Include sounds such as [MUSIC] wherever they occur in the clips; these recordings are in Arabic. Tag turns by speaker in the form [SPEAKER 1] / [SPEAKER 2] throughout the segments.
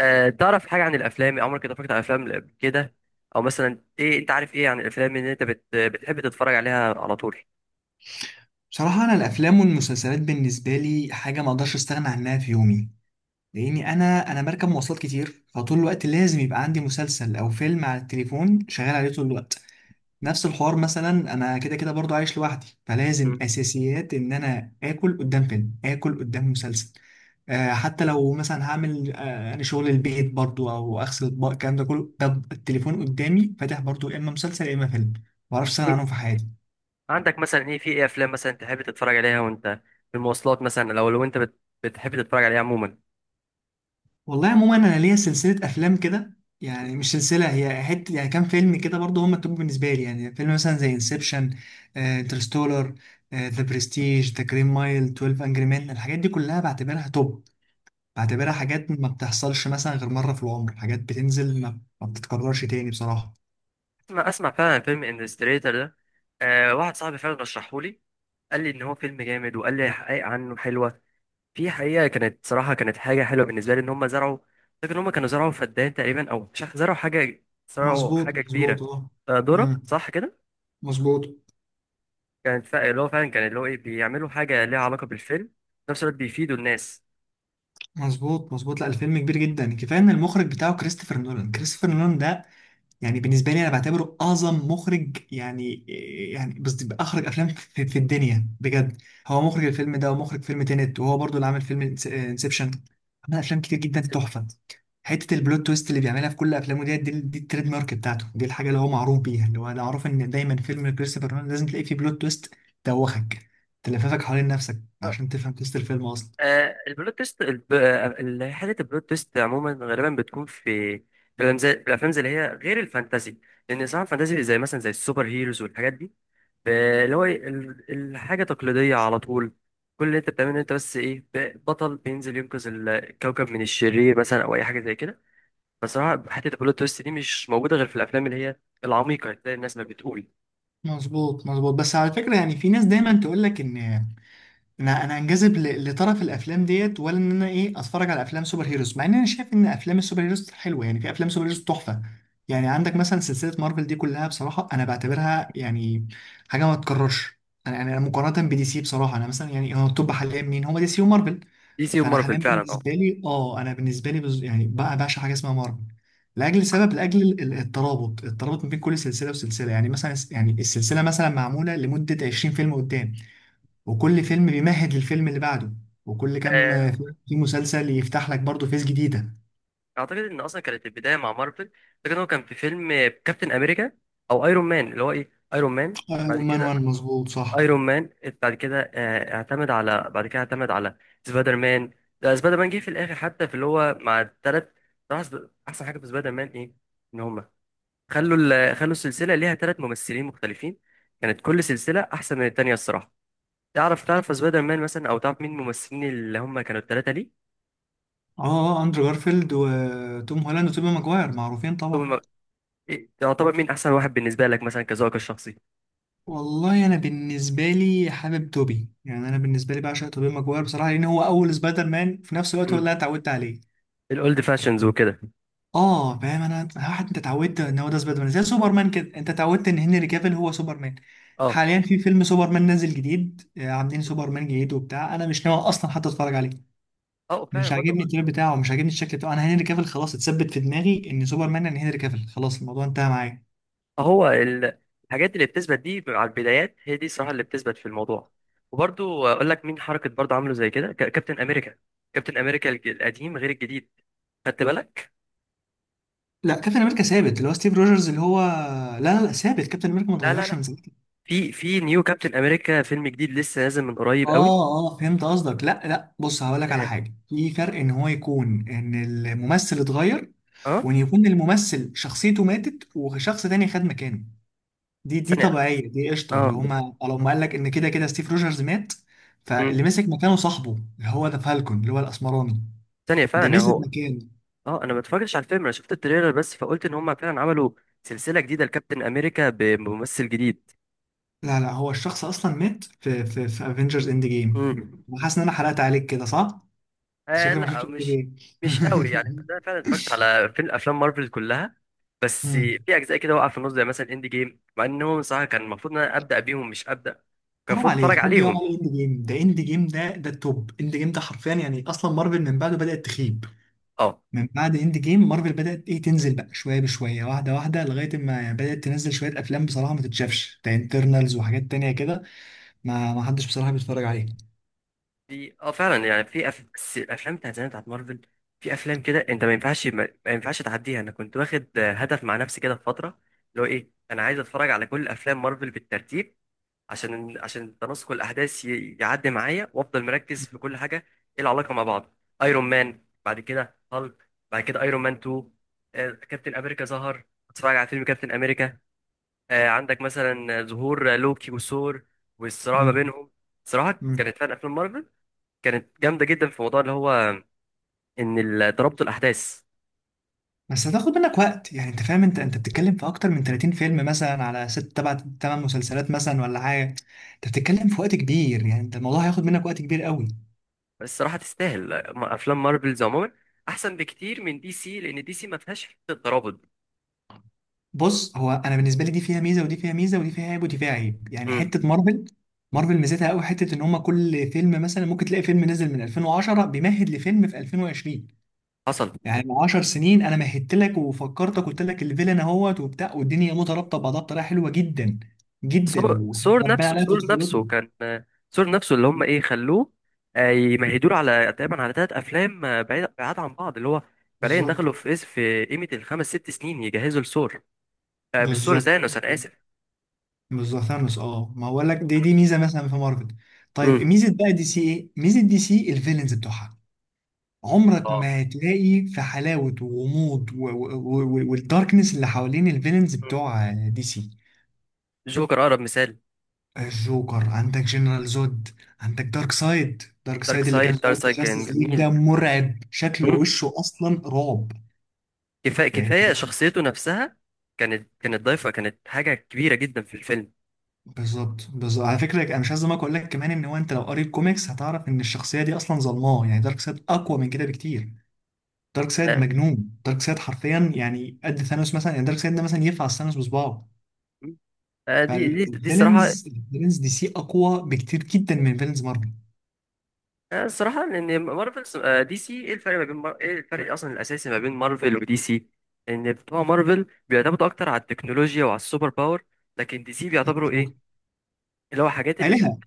[SPEAKER 1] تعرف حاجة عن الأفلام، عمرك اتفرجت على أفلام قبل كده؟ أو مثلا إيه أنت عارف إيه عن الأفلام إن أنت بتحب تتفرج عليها على طول؟
[SPEAKER 2] بصراحة أنا الأفلام والمسلسلات بالنسبة لي حاجة ما أقدرش أستغنى عنها في يومي. لأني أنا بركب مواصلات كتير، فطول الوقت لازم يبقى عندي مسلسل أو فيلم على التليفون شغال عليه طول الوقت. نفس الحوار مثلا، أنا كده كده برضو عايش لوحدي، فلازم
[SPEAKER 1] مم.
[SPEAKER 2] أساسيات إن أنا آكل قدام فيلم، آكل قدام مسلسل. آه، حتى لو مثلا هعمل أنا شغل البيت برضو، أو أغسل أطباق، الكلام ده كله، طب التليفون قدامي فاتح برضو، يا إما مسلسل يا إما فيلم. معرفش أستغنى عنهم في
[SPEAKER 1] إيه؟
[SPEAKER 2] حياتي.
[SPEAKER 1] عندك مثلا إيه، في إيه أفلام مثلا تحب تتفرج عليها وأنت في المواصلات، مثلا أو لو أنت بتحب تتفرج عليها عموما؟
[SPEAKER 2] والله عموما انا ليا سلسله افلام كده. يعني مش سلسله، هي حته يعني كام فيلم كده برضه هم التوب بالنسبه لي. يعني فيلم مثلا زي انسبشن، انترستولر، ذا برستيج، ذا جرين مايل، 12 انجري مان، الحاجات دي كلها بعتبرها توب. بعتبرها حاجات ما بتحصلش مثلا غير مره في العمر، حاجات بتنزل ما بتتكررش تاني بصراحه.
[SPEAKER 1] أسمع أسمع فعلا عن فيلم انستريتور ده. واحد صاحبي فعلا رشحهولي، قال لي إن هو فيلم جامد، وقال لي حقائق عنه حلوة. في حقيقة كانت صراحة كانت حاجة حلوة بالنسبة لي إن هم زرعوا. فاكر إن هم كانوا زرعوا فدان تقريبا، أو مش عارف، زرعوا
[SPEAKER 2] مظبوط
[SPEAKER 1] حاجة
[SPEAKER 2] مظبوط،
[SPEAKER 1] كبيرة.
[SPEAKER 2] اه.
[SPEAKER 1] ذرة،
[SPEAKER 2] مم.
[SPEAKER 1] صح كده.
[SPEAKER 2] مظبوط
[SPEAKER 1] كانت اللي هو فعلا كان اللي هو إيه بيعملوا حاجة ليها علاقة بالفيلم، في نفس الوقت بيفيدوا الناس.
[SPEAKER 2] مظبوط. مظبوط، لا الفيلم كبير جدا، كفايه ان المخرج بتاعه كريستوفر نولان. كريستوفر نولان ده يعني بالنسبه لي انا بعتبره اعظم مخرج يعني. يعني بس اخرج افلام في الدنيا بجد، هو مخرج الفيلم ده، ومخرج فيلم تينت، وهو برضو اللي عامل فيلم انسبشن. عمل افلام كتير جدا تحفه. حته البلوت تويست اللي بيعملها في كل افلامه، دي التريد مارك بتاعته، دي الحاجه اللي هو معروف بيها، اللي هو انا معروف ان دايما فيلم كريستوفر نولان لازم تلاقي فيه بلوت تويست توخك، تلففك حوالين نفسك عشان تفهم تويست الفيلم اصلا.
[SPEAKER 1] البلوت تويست، حته البلوت تويست عموما غالبا بتكون في في الأفلام زي اللي هي غير الفانتازي. لأن صراحة الفانتازي زي مثلا زي السوبر هيروز والحاجات دي، ب- اللي هو إيه، ال- الحاجة تقليدية على طول. كل اللي أنت بتعمله إن أنت بس إيه بطل بينزل ينقذ الكوكب من الشرير مثلا، أو أي حاجة زي كده. فصراحة حتة البلوت تويست دي مش موجودة غير في الأفلام اللي هي العميقة، زي الناس ما بتقول.
[SPEAKER 2] مظبوط مظبوط. بس على فكره، يعني في ناس دايما تقول لك ان انا انجذب لطرف الافلام ديت، ولا ان انا ايه، اتفرج على افلام سوبر هيروز. مع ان انا شايف ان افلام السوبر هيروز حلوه، يعني في افلام سوبر هيروز تحفه. يعني عندك مثلا سلسله مارفل دي كلها بصراحه انا بعتبرها يعني حاجه ما تتكررش. انا يعني انا مقارنه بدي سي بصراحه، انا مثلا يعني، هو التوب حاليا مين؟ هو دي سي ومارفل.
[SPEAKER 1] دي سي
[SPEAKER 2] فانا
[SPEAKER 1] ومارفل
[SPEAKER 2] حاليا
[SPEAKER 1] فعلا.
[SPEAKER 2] بالنسبه لي، اه، انا بالنسبه لي يعني بقى بعشق حاجه اسمها مارفل، لاجل سبب، لاجل الترابط ما بين كل سلسله وسلسله. يعني مثلا يعني السلسله مثلا معموله لمده 20 فيلم قدام، وكل فيلم بيمهد للفيلم اللي بعده، وكل كام
[SPEAKER 1] أه
[SPEAKER 2] فيلم في مسلسل يفتح لك برضه فيس جديدة.
[SPEAKER 1] اعتقد ان اصلا كانت البدايه مع مارفل. فاكر إن هو كان في فيلم كابتن امريكا، او ايرون مان، اللي هو ايه ايرون مان بعد
[SPEAKER 2] ايرون مان
[SPEAKER 1] كده
[SPEAKER 2] وان، مظبوط صح.
[SPEAKER 1] ايرون مان، بعد كده اعتمد على، سبايدر مان. ده سبايدر مان جه في الاخر، حتى في اللي هو مع الثلاث. احسن حاجه في سبايدر مان ايه؟ ان هما خلوا السلسله ليها 3 ممثلين مختلفين. كانت كل سلسله احسن من التانيه الصراحه. تعرف سبايدر مان مثلا، او تعرف مين الممثلين اللي هم كانوا الثلاثه ليه؟
[SPEAKER 2] اه، اندرو جارفيلد وتوم هولاند وتوبي ماجواير معروفين طبعا.
[SPEAKER 1] ثم، إيه، تعتبر مين احسن واحد بالنسبه لك، مثلا كذوقك الشخصي؟
[SPEAKER 2] والله انا بالنسبه لي حابب توبي، يعني انا بالنسبه لي بعشق توبي ماجواير بصراحه، لان هو اول سبايدر مان، في نفس الوقت هو
[SPEAKER 1] مم.
[SPEAKER 2] اللي انا اتعودت عليه.
[SPEAKER 1] الاولد فاشنز وكده.
[SPEAKER 2] اه فاهم، انا واحد انت اتعودت ان هو ده سبايدر مان، زي سوبرمان كده، انت اتعودت ان هنري كافيل هو سوبرمان.
[SPEAKER 1] اه،
[SPEAKER 2] حاليا في فيلم سوبرمان نازل جديد، عاملين سوبرمان جديد وبتاع، انا مش ناوي اصلا حتى اتفرج عليه.
[SPEAKER 1] اه،
[SPEAKER 2] مش
[SPEAKER 1] فعلا برضو.
[SPEAKER 2] عاجبني التير بتاعه، مش عاجبني الشكل بتاعه، انا هنري كافيل خلاص اتثبت في دماغي ان سوبرمان يعني هنري كافيل، خلاص الموضوع انتهى معايا.
[SPEAKER 1] هو الحاجات اللي بتثبت دي على البدايات هي دي الصراحه اللي بتثبت في الموضوع. وبرضو اقول لك مين حركه برضو عامله زي كده، كابتن امريكا. كابتن امريكا القديم غير الجديد. خدت بالك؟
[SPEAKER 2] لا كابتن امريكا ثابت، اللي هو ستيف روجرز اللي هو، لا لا لا، ثابت كابتن امريكا ما
[SPEAKER 1] لا، لا،
[SPEAKER 2] اتغيرش
[SPEAKER 1] لا،
[SPEAKER 2] من زمان.
[SPEAKER 1] في نيو كابتن امريكا، فيلم جديد لسه نازل من قريب قوي.
[SPEAKER 2] اه اه فهمت قصدك، لا لا، بص هقولك على
[SPEAKER 1] إيه؟
[SPEAKER 2] حاجه، في فرق ان هو يكون ان الممثل اتغير،
[SPEAKER 1] اه.
[SPEAKER 2] وان يكون الممثل شخصيته ماتت وشخص تاني خد مكانه. دي
[SPEAKER 1] ثانيه.
[SPEAKER 2] طبيعيه، دي قشطه،
[SPEAKER 1] اه.
[SPEAKER 2] اللي هما لو ما قالك ان كده كده ستيف روجرز مات،
[SPEAKER 1] مم.
[SPEAKER 2] فاللي مسك مكانه صاحبه، اللي هو ده فالكون اللي هو الاسمراني،
[SPEAKER 1] ثانيه
[SPEAKER 2] ده
[SPEAKER 1] فعلا يا
[SPEAKER 2] مسك
[SPEAKER 1] هو.
[SPEAKER 2] مكانه.
[SPEAKER 1] اه انا ما اتفرجتش على الفيلم، انا شفت التريلر بس، فقلت ان هم فعلا عملوا سلسله جديده لكابتن امريكا بممثل جديد.
[SPEAKER 2] لا لا، هو الشخص اصلا مات في في افنجرز اند جيم.
[SPEAKER 1] امم.
[SPEAKER 2] حاسس ان انا حرقت عليك كده صح؟ أنت شكلك ما
[SPEAKER 1] لا،
[SPEAKER 2] شفتش اند
[SPEAKER 1] مش
[SPEAKER 2] جيم.
[SPEAKER 1] مش قوي يعني، انا فعلا اتفرجت على افلام مارفل كلها. بس في
[SPEAKER 2] [LAUGHS]
[SPEAKER 1] اجزاء كده وقع في النص زي مثلا اند جيم، مع انهم صراحه كان المفروض ان انا ابدا بيهم، مش ابدا. كان
[SPEAKER 2] حرام
[SPEAKER 1] المفروض اتفرج
[SPEAKER 2] عليك، حد يقع
[SPEAKER 1] عليهم.
[SPEAKER 2] على اند جيم؟ ده اند جيم، ده التوب. اند جيم ده حرفيا يعني اصلا مارفل من بعده بدأت تخيب.
[SPEAKER 1] اه
[SPEAKER 2] من بعد اند جيم مارفل بدأت ايه، تنزل بقى شويه بشويه، واحده واحده، لغايه ما يعني بدأت تنزل شويه افلام بصراحه ما تتشافش، ده انترنالز وحاجات تانية كده، ما حدش بصراحه بيتفرج عليه.
[SPEAKER 1] في فعلا يعني، بس الافلام بتاعت زمان بتاعت مارفل. في افلام كده انت ما ينفعش تعديها، انا كنت واخد هدف مع نفسي كده في فتره. اللي هو ايه انا عايز اتفرج على كل افلام مارفل بالترتيب، عشان تناسق الاحداث، يعدي معايا وافضل مركز في كل حاجه. ايه العلاقه مع بعض. ايرون مان، بعد كده هالك، بعد كده ايرون مان 2، كابتن امريكا ظهر. اتفرج على فيلم كابتن امريكا. عندك مثلا ظهور لوكي وثور، والصراع ما
[SPEAKER 2] مم.
[SPEAKER 1] بينهم. صراحه
[SPEAKER 2] مم.
[SPEAKER 1] كانت فعلا افلام مارفل كانت جامده جدا في موضوع اللي هو ان ترابط الاحداث.
[SPEAKER 2] بس هتاخد منك وقت، يعني انت فاهم، انت بتتكلم في اكتر من 30 فيلم مثلا، على ست تبع تمن مسلسلات مثلا ولا حاجه، انت بتتكلم في وقت كبير، يعني انت الموضوع هياخد منك وقت كبير قوي.
[SPEAKER 1] بس الصراحه تستاهل. افلام مارفلز عموما احسن بكتير من دي سي، لان دي سي ما فيهاش حته ترابط.
[SPEAKER 2] بص، هو انا بالنسبه لي دي فيها ميزه ودي فيها ميزه، ودي فيها عيب ودي فيها عيب، يعني
[SPEAKER 1] مم.
[SPEAKER 2] حته مارفل، مارفل ميزتها قوي حته ان هم كل فيلم مثلا ممكن تلاقي فيلم نزل من 2010 بيمهد لفيلم في 2020.
[SPEAKER 1] حصل.
[SPEAKER 2] يعني من 10 سنين انا مهدت لك وفكرتك، قلت لك الفيلن اهوت وبتاع، والدنيا مترابطه ببعضها بطريقه حلوه جدا جدا،
[SPEAKER 1] سور
[SPEAKER 2] وربنا
[SPEAKER 1] نفسه،
[SPEAKER 2] عليها في
[SPEAKER 1] سور
[SPEAKER 2] طفولتنا.
[SPEAKER 1] نفسه كان. سور نفسه اللي هم ايه خلوه، يمهدوا له على تقريبا على 3 افلام، بعيد بعاد عن بعض اللي هو فعليا
[SPEAKER 2] بالظبط
[SPEAKER 1] دخلوا في اس في قيمه الخمس ست سنين يجهزوا لسور. مش سور،
[SPEAKER 2] بالظبط،
[SPEAKER 1] زانوس، انا اسف.
[SPEAKER 2] بالظبط ثانوس، اه، ما هقول لك، دي
[SPEAKER 1] ثانوس.
[SPEAKER 2] ميزه مثلا في مارفل. طيب
[SPEAKER 1] امم.
[SPEAKER 2] ميزه بقى دي سي، ايه ميزه دي سي؟ الفيلنز بتوعها عمرك
[SPEAKER 1] اه.
[SPEAKER 2] ما هتلاقي في حلاوة وغموض و والداركنس اللي حوالين الفيلنز
[SPEAKER 1] مم.
[SPEAKER 2] بتوع دي سي.
[SPEAKER 1] جوكر اقرب مثال.
[SPEAKER 2] الجوكر، عندك جنرال زود، عندك دارك سايد. دارك سايد اللي كان
[SPEAKER 1] دارك
[SPEAKER 2] ظاهر في
[SPEAKER 1] سايد كان
[SPEAKER 2] جاستس ليج
[SPEAKER 1] جميل.
[SPEAKER 2] ده مرعب، شكله
[SPEAKER 1] مم.
[SPEAKER 2] وشه اصلا رعب.
[SPEAKER 1] كفايه،
[SPEAKER 2] فاهم.
[SPEAKER 1] كفايه شخصيته نفسها كانت ضايفه، كانت حاجه كبيره جدا في الفيلم.
[SPEAKER 2] بالظبط بالظبط، على فكره انا مش عايز أزعلك، اقول لك كمان ان هو انت لو قريت كوميكس هتعرف ان الشخصيه دي اصلا ظلماه. يعني دارك سايد اقوى من كده بكتير، دارك سايد
[SPEAKER 1] آه،
[SPEAKER 2] مجنون، دارك سايد حرفيا يعني قد ثانوس مثلا، يعني دارك سايد ده مثلا ينفع ثانوس بصباعه.
[SPEAKER 1] دي الصراحه.
[SPEAKER 2] فالفيلنز دي سي اقوى بكتير جدا من فيلنز مارفل.
[SPEAKER 1] الصراحة إن مارفل، دي سي، إيه الفرق أصلا الأساسي ما بين مارفل ودي سي؟ إن بتوع مارفل بيعتمدوا أكتر على التكنولوجيا وعلى السوبر باور، لكن دي سي بيعتبروا
[SPEAKER 2] مظبوط.
[SPEAKER 1] إيه؟ اللي هو حاجات اللي،
[SPEAKER 2] آلهة.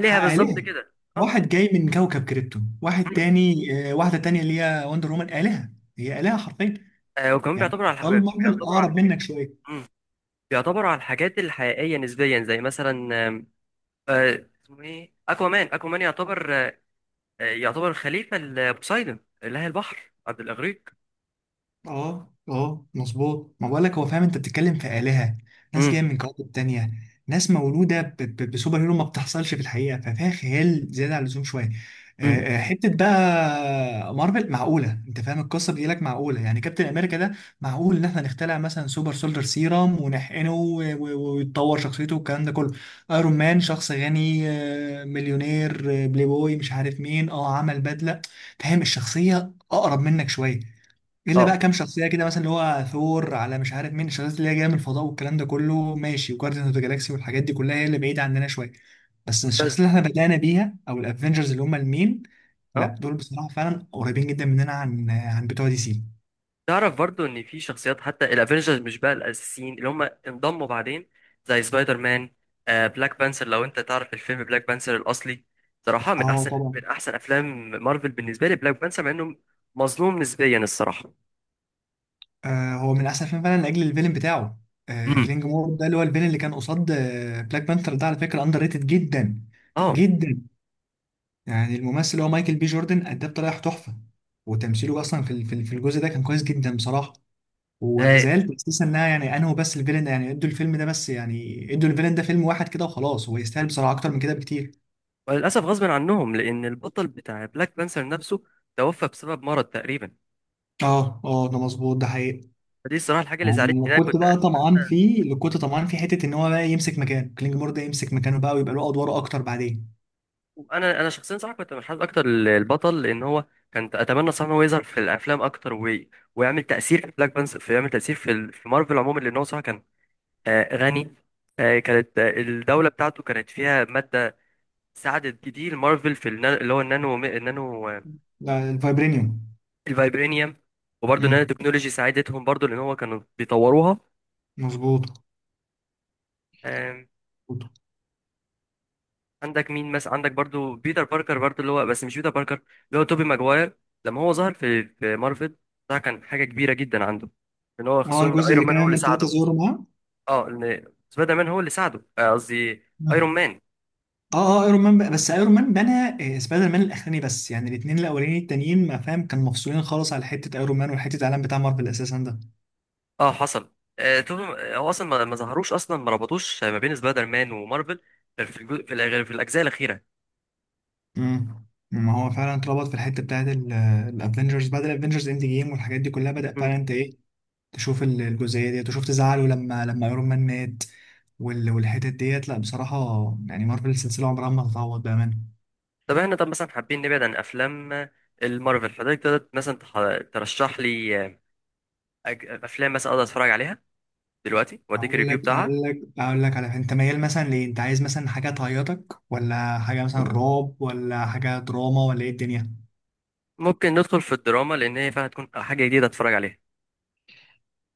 [SPEAKER 1] بالظبط
[SPEAKER 2] آلهة،
[SPEAKER 1] كده، أه.
[SPEAKER 2] واحد جاي من كوكب كريبتون، واحد
[SPEAKER 1] [CLEARS THROAT]
[SPEAKER 2] تاني، واحدة تانية اللي هي وندر وومن، آلهة، هي آلهة حرفيا.
[SPEAKER 1] وكمان
[SPEAKER 2] يعني أبطال مارفل
[SPEAKER 1] بيعتبروا على
[SPEAKER 2] أقرب
[SPEAKER 1] الحاجات.
[SPEAKER 2] منك شوية.
[SPEAKER 1] مم. بيعتبروا على الحاجات الحقيقية نسبيا، زي مثلا اسمه إيه؟ أكوامان يعتبر، يعتبر خليفة لبوسايدون، إله البحر عبد الإغريق.
[SPEAKER 2] اه اه مظبوط، ما بقولك هو، فاهم، انت بتتكلم في آلهة، ناس جاية
[SPEAKER 1] مم.
[SPEAKER 2] من كواكب تانية، ناس مولودة بسوبر هيرو، ما بتحصلش في الحقيقة، ففيها خيال زيادة عن اللزوم شوية.
[SPEAKER 1] مم.
[SPEAKER 2] حتة بقى مارفل معقولة، انت فاهم، القصة بتجي لك معقولة، يعني كابتن امريكا ده معقول ان احنا نخترع مثلا سوبر سولدر سيرام ونحقنه، ويتطور شخصيته والكلام ده كله. ايرون مان شخص غني، مليونير، بلاي بوي مش عارف مين، عمل بدلة، فاهم الشخصية اقرب منك شوية. الا بقى
[SPEAKER 1] اه.
[SPEAKER 2] كام شخصيه كده مثلا، اللي هو ثور على مش عارف مين، الشخصيات اللي هي جايه من الفضاء والكلام ده كله، ماشي، وجارديان اوف ذا جالاكسي والحاجات دي كلها هي اللي بعيده عننا شويه. بس الشخصيات اللي
[SPEAKER 1] بس.
[SPEAKER 2] احنا بدانا بيها او الافنجرز اللي هم المين،
[SPEAKER 1] اه.
[SPEAKER 2] لا دول بصراحه فعلا قريبين جدا مننا عن بتوع دي سي.
[SPEAKER 1] تعرف برضو ان في شخصيات حتى الافينجرز مش بقى الاساسيين، اللي هم انضموا بعدين. زي سبايدر مان. بلاك بانثر، لو انت تعرف الفيلم بلاك بانثر الاصلي. صراحة
[SPEAKER 2] اه طبعا.
[SPEAKER 1] من احسن افلام مارفل بالنسبة لي بلاك بانثر، مع انه مظلوم نسبيا الصراحة.
[SPEAKER 2] آه هو من احسن فيلم فعلا لاجل الفيلن بتاعه. آه
[SPEAKER 1] امم.
[SPEAKER 2] كلينج مور ده، اللي هو الفيلن اللي كان قصاد بلاك بانثر ده، على فكره اندر ريتد جدا
[SPEAKER 1] اه.
[SPEAKER 2] جدا. يعني الممثل اللي هو مايكل بي جوردن اداه بطريقه تحفه، وتمثيله اصلا في في الجزء ده كان كويس جدا بصراحه. وانا
[SPEAKER 1] آه،
[SPEAKER 2] زعلت اساسا انها يعني انهوا بس الفيلن، يعني ادوا الفيلم ده بس، يعني ادوا الفيلن ده فيلم واحد كده وخلاص، هو يستاهل بصراحه اكتر من كده بكتير.
[SPEAKER 1] وللاسف غصب عنهم، لان البطل بتاع بلاك بانثر نفسه توفى بسبب مرض تقريبا.
[SPEAKER 2] اه اه، ده مظبوط، ده حقيقي.
[SPEAKER 1] فدي الصراحة الحاجة اللي زعلتني،
[SPEAKER 2] يعني
[SPEAKER 1] إن انا
[SPEAKER 2] كنت
[SPEAKER 1] كنت.
[SPEAKER 2] بقى طمعان فيه، اللي كنت طمعان فيه حته ان هو بقى يمسك مكانه، كلينجمور ده يمسك مكانه بقى ويبقى له ادواره اكتر بعدين.
[SPEAKER 1] انا شخصيا صراحه كنت منحاز اكتر للبطل لان هو كان، اتمنى صراحه ان هو يظهر في الافلام اكتر ويعمل تاثير في بلاك بانس، في يعمل تاثير في ال- في مارفل عموما، لان هو صراحه كان غني، كانت الدوله بتاعته كانت فيها ماده ساعدت كتير مارفل في اللي هو النانو،
[SPEAKER 2] ده الفايبرينيوم.
[SPEAKER 1] الفايبرينيوم. وبرضه النانو
[SPEAKER 2] امم.
[SPEAKER 1] تكنولوجي ساعدتهم برضه، لان هو كانوا بيطوروها.
[SPEAKER 2] مظبوط. مظبوط.
[SPEAKER 1] عندك مين مثلا، عندك برضو بيتر باركر برضو اللي هو، بس مش بيتر باركر، اللي هو توبي ماجواير. لما هو ظهر في مارفل، ده كان حاجه كبيره جدا عنده، ان هو
[SPEAKER 2] اه
[SPEAKER 1] خصوصا ان
[SPEAKER 2] الجزء اللي
[SPEAKER 1] ايرون مان
[SPEAKER 2] كان
[SPEAKER 1] هو اللي
[SPEAKER 2] ايرون ثلاثه
[SPEAKER 1] ساعده.
[SPEAKER 2] زورو معاه.
[SPEAKER 1] اه ان سبايدر مان هو اللي ساعده، قصدي
[SPEAKER 2] مم.
[SPEAKER 1] ايرون مان.
[SPEAKER 2] اه اه، بس ايرون مان بنى سبايدر مان الاخراني. بس يعني الاثنين الاولانيين التانيين ما فاهم، كان مفصولين خالص على حته ايرون مان وحته العالم بتاع مارفل اساسا ده.
[SPEAKER 1] اه حصل. توبي، هو اصلا ما ظهروش، اصلا ما ربطوش ما بين سبايدر مان ومارفل، غير في الجو... في, الأ- غير في الاجزاء الاخيره.
[SPEAKER 2] امم. ما هو فعلا اتربط في الحته بتاعت الافنجرز، بعد الافنجرز اند جيم والحاجات دي كلها بدا
[SPEAKER 1] مم.
[SPEAKER 2] فعلا انت ايه، تشوف الجزئيه ديت، وشفت زعله لما ايرون مان مات، والحتت ديت. لا بصراحه، يعني مارفل السلسله عمرها ما هتتعوض بامانه.
[SPEAKER 1] طب مثلا حابين نبعد عن افلام، المارفل، فده تقدر مثلا ترشح لي، افلام مثلا اقدر اتفرج عليها دلوقتي واديك
[SPEAKER 2] هقول
[SPEAKER 1] الريفيو
[SPEAKER 2] لك
[SPEAKER 1] بتاعها؟
[SPEAKER 2] هقول لك هقول لك على، انت ميال مثلا ليه؟ انت عايز مثلا حاجه تعيطك، ولا حاجه مثلا رعب، ولا حاجه دراما، ولا ايه الدنيا؟
[SPEAKER 1] ممكن ندخل في الدراما لان هي فعلا هتكون حاجه جديده اتفرج عليها.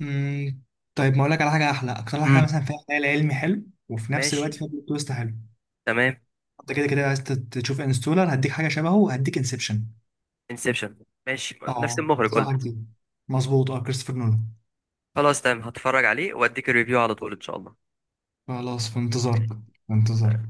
[SPEAKER 2] امم. طيب ما اقول لك على حاجه احلى، اكتر حاجه
[SPEAKER 1] امم.
[SPEAKER 2] مثلا فيها خيال علمي حلو، وفي نفس الوقت
[SPEAKER 1] ماشي.
[SPEAKER 2] فيها بلوت تويست حلو.
[SPEAKER 1] تمام.
[SPEAKER 2] انت كده كده عايز تشوف انستولر، هديك حاجه شبهه، هديك انسبشن.
[SPEAKER 1] انسبشن، ماشي، نفس
[SPEAKER 2] اه
[SPEAKER 1] المخرج
[SPEAKER 2] انصحك
[SPEAKER 1] قلت.
[SPEAKER 2] بيه. مظبوط، اه، كريستوفر نولان.
[SPEAKER 1] خلاص تمام، هتفرج عليه واديك الريفيو على طول ان شاء الله.
[SPEAKER 2] خلاص، في انتظارك، في انتظارك.